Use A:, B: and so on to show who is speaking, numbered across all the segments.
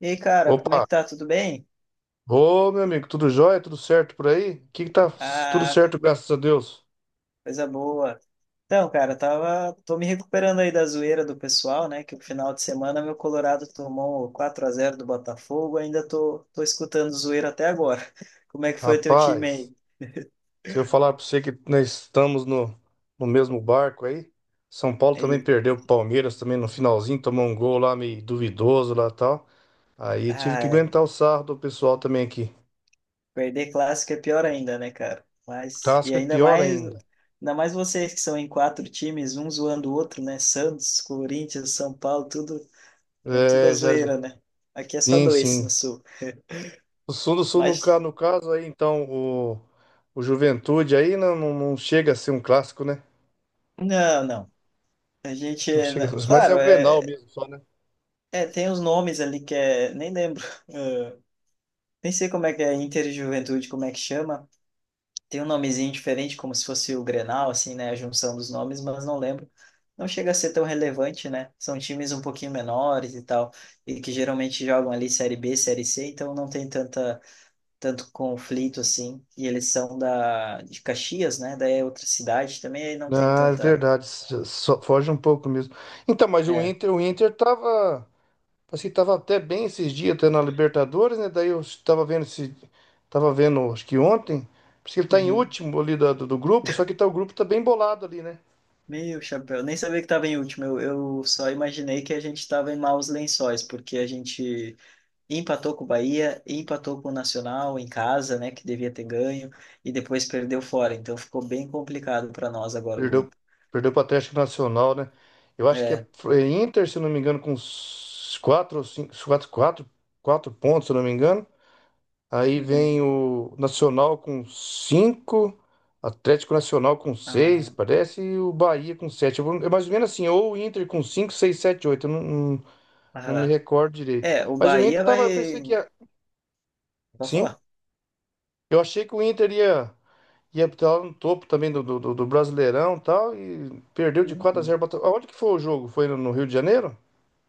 A: E aí, cara, como
B: Opa!
A: é que tá? Tudo bem?
B: Ô, meu amigo, tudo jóia? Tudo certo por aí? O que que tá tudo
A: Ah,
B: certo, graças a Deus.
A: coisa boa. Então, cara, tô me recuperando aí da zoeira do pessoal, né? Que o final de semana meu Colorado tomou 4 a zero do Botafogo, ainda tô escutando zoeira até agora. Como é que foi o teu time
B: Rapaz,
A: aí?
B: se eu falar pra você que nós estamos no mesmo barco aí, São Paulo também
A: Aí,
B: perdeu pro Palmeiras também no finalzinho, tomou um gol lá meio duvidoso lá e tal. Aí tive que
A: ah,
B: aguentar o sarro do pessoal também aqui.
A: perder clássico é pior ainda, né, cara? Mas e
B: Casca é pior ainda.
A: ainda mais vocês que são em quatro times, um zoando o outro, né? Santos, Corinthians, São Paulo, tudo a
B: É,
A: zoeira, né? Aqui é só
B: Sim,
A: dois no
B: sim.
A: sul.
B: O Sul do Sul,
A: Mas
B: no caso aí, então, o Juventude aí não chega a ser um clássico, né?
A: não, não. A gente,
B: Não chega, mas é
A: claro,
B: o Grenal mesmo, só, né?
A: é, tem os nomes ali que é, nem lembro, eh, nem sei como é que é Interjuventude, como é que chama. Tem um nomezinho diferente, como se fosse o Grenal, assim, né, a junção dos nomes, mas não lembro. Não chega a ser tão relevante, né? São times um pouquinho menores e tal, e que geralmente jogam ali Série B, Série C, então não tem tanta, tanto conflito assim. E eles são de Caxias, né? Daí é outra cidade também, aí não tem
B: Ah, é
A: tanta.
B: verdade. Só, foge um pouco mesmo. Então, mas
A: É.
B: O Inter tava, assim, tava até bem esses dias, até na Libertadores, né? Daí eu tava vendo tava vendo, acho que ontem, porque ele tá em
A: Uhum.
B: último ali do grupo, só que tá, o grupo tá bem bolado ali, né?
A: Meu chapéu, nem sabia que estava em último. Eu só imaginei que a gente estava em maus lençóis, porque a gente empatou com o Bahia, empatou com o Nacional em casa, né, que devia ter ganho, e depois perdeu fora. Então ficou bem complicado para nós agora o
B: Perdeu,
A: grupo.
B: perdeu pro Atlético Nacional, né? Eu acho que
A: É.
B: é Inter, se eu não me engano, com uns quatro, ou cinco, quatro pontos, se eu não me engano. Aí vem
A: Uhum.
B: o Nacional com cinco, Atlético Nacional com seis
A: Ah,
B: parece, e o Bahia com sete. É mais ou menos assim, ou o Inter com cinco, seis, sete, oito. Eu não me
A: aham.
B: recordo direito.
A: É, o
B: Mas o Inter
A: Bahia
B: tava, eu
A: vai.
B: pensei que ia.
A: Pode
B: Sim,
A: falar.
B: eu achei que o Inter ia, ia estar lá no topo também do Brasileirão e tal, e perdeu de 4 a
A: Uhum.
B: 0. Bota- Aonde que foi o jogo? Foi no Rio de Janeiro?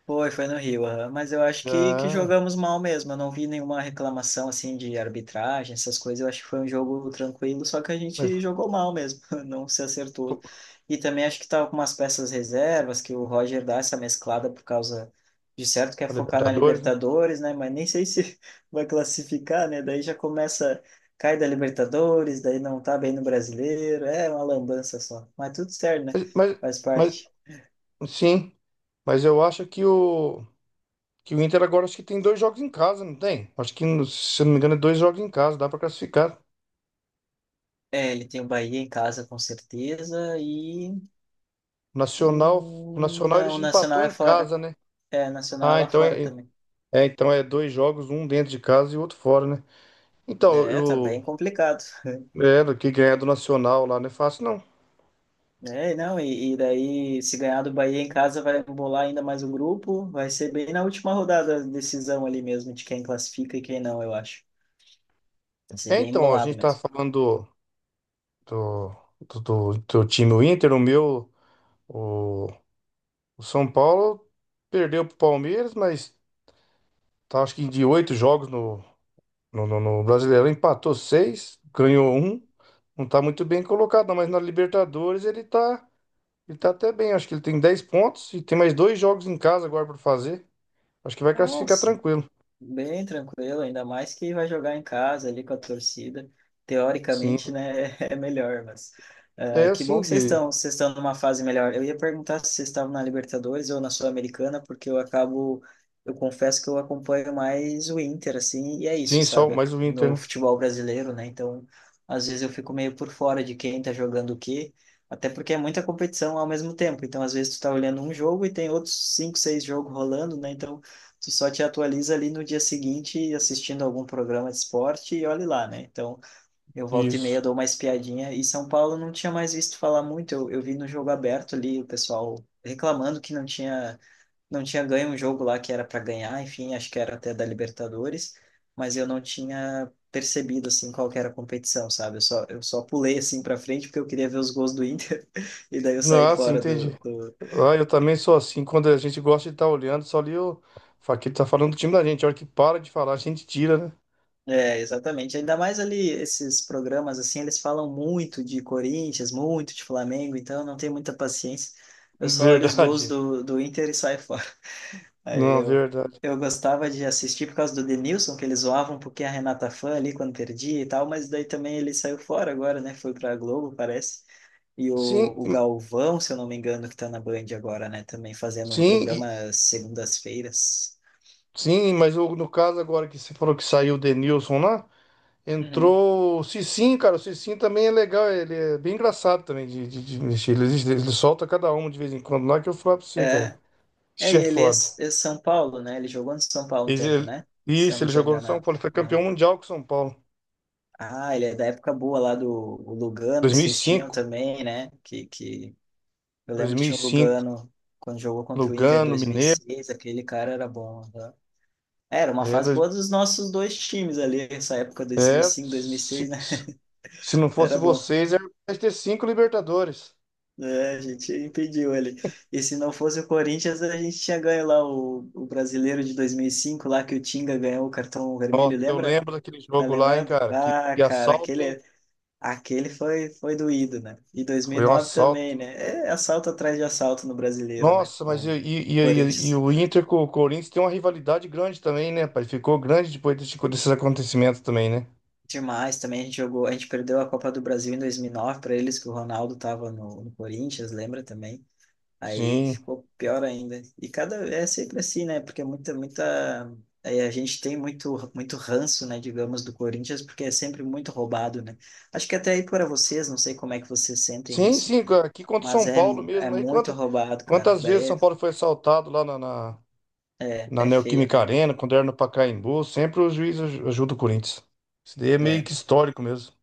A: Foi no Rio, aham. Mas eu acho que
B: Ah,
A: jogamos mal mesmo. Eu não vi nenhuma reclamação assim de arbitragem, essas coisas. Eu acho que foi um jogo tranquilo, só que a
B: mas,
A: gente jogou mal mesmo, não se acertou.
B: pô,
A: E também acho que tava com umas peças reservas, que o Roger dá essa mesclada por causa de certo quer
B: na
A: focar na
B: Libertadores, né?
A: Libertadores, né? Mas nem sei se vai classificar, né? Daí já começa, cai da Libertadores, daí não tá bem no Brasileiro. É uma lambança só. Mas tudo certo, né?
B: Mas, mas,
A: Faz parte.
B: mas, sim, mas eu acho que o. Que o Inter agora acho que tem dois jogos em casa, não tem? Acho que, se eu não me engano, é dois jogos em casa, dá pra classificar.
A: É, ele tem o Bahia em casa, com certeza, e...
B: O Nacional ele
A: não, o
B: já empatou
A: Nacional é
B: em
A: fora.
B: casa, né?
A: É, Nacional é
B: Ah,
A: lá
B: então
A: fora também.
B: então é dois jogos, um dentro de casa e outro fora, né? Então,
A: É, tá bem
B: eu,
A: complicado.
B: é, do que ganhar do Nacional lá não é fácil, não.
A: É, não, e daí, se ganhar do Bahia em casa, vai bolar ainda mais o grupo. Vai ser bem na última rodada a decisão ali mesmo, de quem classifica e quem não, eu acho. Vai ser
B: É,
A: bem
B: então, a
A: embolado
B: gente tá
A: mesmo.
B: falando do, do time o Inter, o, o São Paulo perdeu pro Palmeiras, mas tá, acho que de 8 jogos no Brasileirão, empatou seis, ganhou um. Não tá muito bem colocado, não, mas na Libertadores ele tá até bem. Acho que ele tem 10 pontos e tem mais dois jogos em casa agora pra fazer. Acho que vai classificar
A: Nossa,
B: tranquilo.
A: bem tranquilo, ainda mais que vai jogar em casa ali com a torcida.
B: Sim,
A: Teoricamente, né, é melhor, mas
B: é
A: ah, que bom
B: assim
A: que
B: que.
A: vocês estão numa fase melhor. Eu ia perguntar se vocês estavam na Libertadores ou na Sul-Americana, porque eu acabo, eu confesso que eu acompanho mais o Inter, assim, e é isso,
B: Sim, só
A: sabe,
B: mais o Inter,
A: no
B: né?
A: futebol brasileiro, né? Então, às vezes eu fico meio por fora de quem tá jogando o quê, até porque é muita competição ao mesmo tempo. Então, às vezes tu tá olhando um jogo e tem outros cinco, seis jogos rolando, né? Então tu só te atualiza ali no dia seguinte assistindo algum programa de esporte e olhe lá, né? Então, eu volta e meia
B: Isso.
A: dou uma espiadinha. E São Paulo não tinha mais visto falar muito. Eu vi no jogo aberto ali o pessoal reclamando que não tinha, não tinha ganho um jogo lá que era para ganhar, enfim, acho que era até da Libertadores, mas eu não tinha percebido assim qual que era a competição, sabe? Eu só pulei assim para frente porque eu queria ver os gols do Inter e daí eu saí
B: Ah, sim,
A: fora
B: entendi.
A: do.
B: Ah, eu também sou assim. Quando a gente gosta de estar olhando, só ali o Faquito tá falando do time da gente. A hora que para de falar, a gente tira, né?
A: É, exatamente. Ainda mais ali esses programas assim, eles falam muito de Corinthians, muito de Flamengo, então eu não tenho muita paciência. Eu só olho os gols
B: Verdade.
A: do Inter e saio fora. Aí
B: Não,
A: eu,
B: verdade.
A: eu gostava de assistir por causa do Denilson, que eles zoavam um pouquinho a Renata Fã ali quando perdia e tal, mas daí também ele saiu fora agora, né? Foi pra Globo, parece. E o
B: Sim,
A: Galvão, se eu não me engano, que tá na Band agora, né? Também fazendo um programa
B: sim.
A: às segundas-feiras.
B: Sim, mas no caso agora que você falou que saiu o Denilson lá,
A: Uhum.
B: entrou o Cicinho, cara. O Cicinho também é legal, ele é bem engraçado também de, de mexer. Ele solta cada uma de vez em quando lá que eu falo pra você, cara.
A: É, é,
B: Ixi, é
A: ele é,
B: foda.
A: É São Paulo, né? Ele jogou no São Paulo um
B: Ele-
A: tempo, né?
B: ele-
A: Se eu
B: isso,
A: não
B: ele
A: sou
B: jogou no São
A: enganado.
B: Paulo, ele foi
A: Ah,
B: campeão mundial com o São Paulo.
A: ah, ele é da época boa lá do o Lugano que vocês tinham também, né? Que eu
B: 2005,
A: lembro que tinha o
B: 2005,
A: Lugano quando jogou contra o Inter em
B: Lugano, Mineiro.
A: 2006, aquele cara era bom. Né? Era uma
B: É,
A: fase boa dos nossos dois times ali, essa época
B: é
A: 2005, 2006,
B: se,
A: né?
B: se não fosse
A: Era bom.
B: vocês, era mais ter cinco Libertadores.
A: É, a gente impediu ele. E se não fosse o Corinthians, a gente tinha ganho lá o brasileiro de 2005, lá que o Tinga ganhou o cartão vermelho,
B: Nossa, eu
A: lembra?
B: lembro daquele
A: Tá
B: jogo lá, hein,
A: lembrado?
B: cara.
A: Ah,
B: Que
A: cara,
B: assalto, hein?
A: aquele foi doído, né? E
B: Foi um
A: 2009
B: assalto.
A: também, né? É assalto atrás de assalto no Brasileiro, né?
B: Nossa, mas
A: Com o
B: e
A: Corinthians.
B: o Inter com o Corinthians tem uma rivalidade grande também, né, pai? Ficou grande depois desses acontecimentos também, né?
A: Demais também, a gente jogou, a gente perdeu a Copa do Brasil em 2009 para eles, que o Ronaldo tava no Corinthians, lembra também? Aí
B: Sim.
A: ficou pior ainda. E cada, é sempre assim, né? Porque muita, aí a gente tem muito ranço, né, digamos, do Corinthians, porque é sempre muito roubado, né? Acho que até aí para vocês, não sei como é que vocês sentem
B: Sim,
A: isso.
B: sim, aqui contra o
A: Mas
B: São
A: é,
B: Paulo
A: é
B: mesmo. Aí
A: muito roubado, cara.
B: quantas vezes
A: Daí
B: São Paulo foi assaltado lá na
A: é feio,
B: Neoquímica
A: né? Velho?
B: Arena, quando era no Pacaembu, sempre o juiz ajuda o Corinthians. Isso daí é meio
A: É,
B: que histórico mesmo.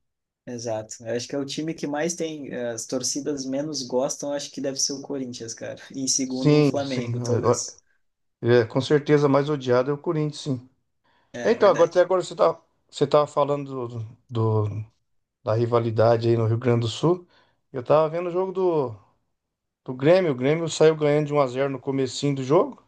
A: exato. Eu acho que é o time que mais tem, as torcidas menos gostam, acho que deve ser o Corinthians, cara. E em segundo, o
B: Sim, sim.
A: Flamengo, talvez.
B: É, é, com certeza a mais odiado é o Corinthians, sim.
A: É,
B: Então, agora até
A: verdade.
B: agora você tá, você tava falando do, da rivalidade aí no Rio Grande do Sul. Eu tava vendo o jogo do Grêmio. O Grêmio saiu ganhando de um x 0 no comecinho do jogo.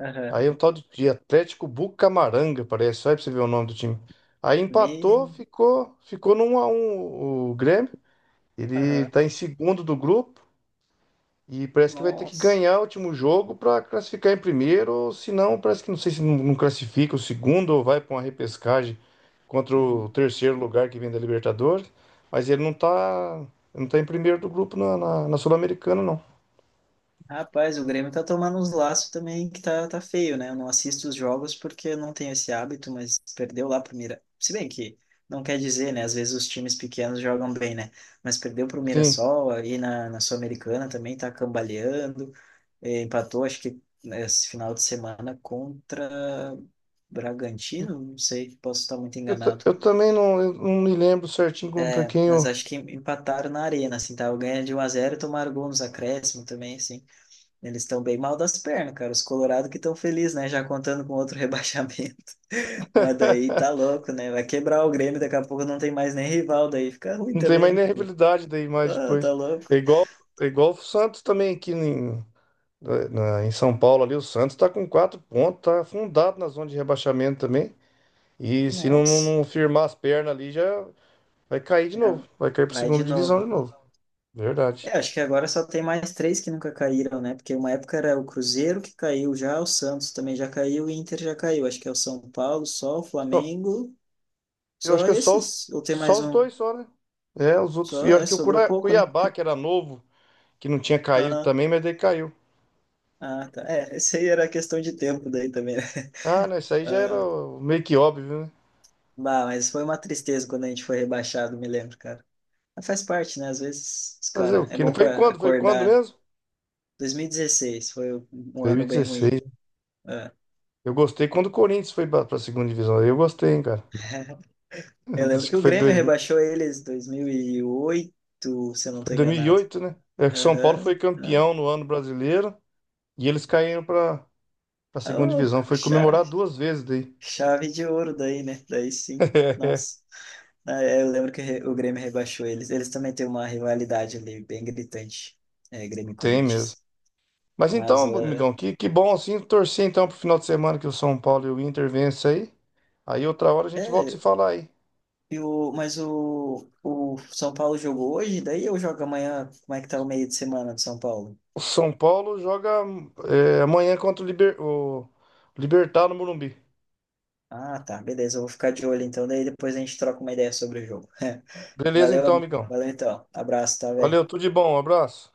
A: Aham.
B: Aí um tal de Atlético Bucamaranga, parece. Só aí pra você ver o nome do time. Aí
A: Me...
B: empatou, ficou no 1x1 o Grêmio. Ele
A: Aham.
B: tá em segundo do grupo. E parece que vai ter que
A: Nossa.
B: ganhar o último jogo para classificar em primeiro, ou se não, parece que não sei se não classifica o segundo ou vai para uma repescagem contra o
A: Uhum.
B: terceiro lugar que vem da Libertadores. Mas ele não tá, não tá em primeiro do grupo na Sul-Americana, não.
A: Rapaz, o Grêmio tá tomando uns laços também que tá feio, né? Eu não assisto os jogos porque eu não tenho esse hábito, mas perdeu lá pro Mira. Se bem que não quer dizer, né? Às vezes os times pequenos jogam bem, né? Mas perdeu pro
B: Sim.
A: Mirassol, aí na Sul-Americana também tá cambaleando. Empatou, acho que né, esse final de semana contra Bragantino, não sei, posso estar muito
B: Eu, ta-
A: enganado.
B: eu também não, eu não me lembro certinho contra quem
A: Mas
B: eu.
A: acho que empataram na arena, assim, tá? Ganha de um a zero e tomaram gol nos acréscimos também, assim. Eles estão bem mal das pernas, cara. Os Colorado que estão felizes, né? Já contando com outro rebaixamento. Mas daí tá louco, né? Vai quebrar o Grêmio, daqui a pouco não tem mais nem rival, daí fica ruim
B: Não tem
A: também,
B: mais nem
A: né?
B: rivalidade daí mais
A: Ah,
B: depois.
A: tá louco.
B: É igual, é igual o Santos também aqui em, em São Paulo ali, o Santos tá com 4 pontos, tá afundado na zona de rebaixamento também. E se
A: Nossa.
B: não firmar as pernas ali, já vai cair de
A: Já
B: novo. Vai cair pra
A: vai de
B: segunda divisão
A: novo,
B: de
A: né?
B: novo. Verdade.
A: É, acho que agora só tem mais três que nunca caíram, né? Porque uma época era o Cruzeiro que caiu já, o Santos também já caiu, o Inter já caiu. Acho que é o São Paulo, só o
B: Então,
A: Flamengo,
B: eu acho
A: só
B: que é só
A: esses. Ou tem mais
B: só os
A: um?
B: dois só, né? É, os outros. E
A: Só,
B: eu acho
A: é,
B: que o
A: sobrou pouco, né?
B: Cuiabá, que era novo, que não tinha caído
A: Ah,
B: também, mas daí caiu.
A: ah, tá. É, esse aí era questão de tempo daí também, né?
B: Ah, né? Isso aí já era
A: Ah,
B: meio que óbvio, né?
A: bah, mas foi uma tristeza quando a gente foi rebaixado, me lembro, cara. Mas faz parte, né? Às vezes, os
B: Fazer o
A: cara, é
B: quê? Né?
A: bom
B: Foi
A: para
B: quando? Foi quando
A: acordar.
B: mesmo?
A: 2016 foi um ano bem ruim.
B: 2016.
A: Ah,
B: Eu gostei quando o Corinthians foi pra, pra segunda divisão. Aí eu gostei, hein, cara.
A: eu lembro
B: Acho
A: que
B: que
A: o
B: foi.
A: Grêmio rebaixou eles em 2008, se eu não
B: Foi
A: estou enganado.
B: 2008, né? É que São Paulo foi
A: Aham, não.
B: campeão no ano brasileiro e eles caíram para a segunda
A: Oh,
B: divisão. Foi comemorar
A: chave,
B: duas vezes daí.
A: chave de ouro daí, né? Daí sim. Nossa. Ah, é, eu lembro que o Grêmio rebaixou eles. Eles também têm uma rivalidade ali, bem gritante. É, Grêmio e
B: Tem mesmo.
A: Corinthians.
B: Mas então,
A: Mas, ah,
B: amigão, que bom assim. Torcer então pro final de semana que o São Paulo e o Inter vencem aí. Aí outra hora a gente volta a se
A: é,
B: falar aí.
A: e mas o São Paulo jogou hoje, daí eu jogo amanhã? Como é que tá o meio de semana de São Paulo?
B: O São Paulo joga é, amanhã contra o, Libertad no Morumbi.
A: Ah, tá, beleza, eu vou ficar de olho então, daí depois a gente troca uma ideia sobre o jogo.
B: Beleza então,
A: Valeu,
B: amigão.
A: valeu então. Abraço, tá, velho?
B: Valeu, tudo de bom, um abraço.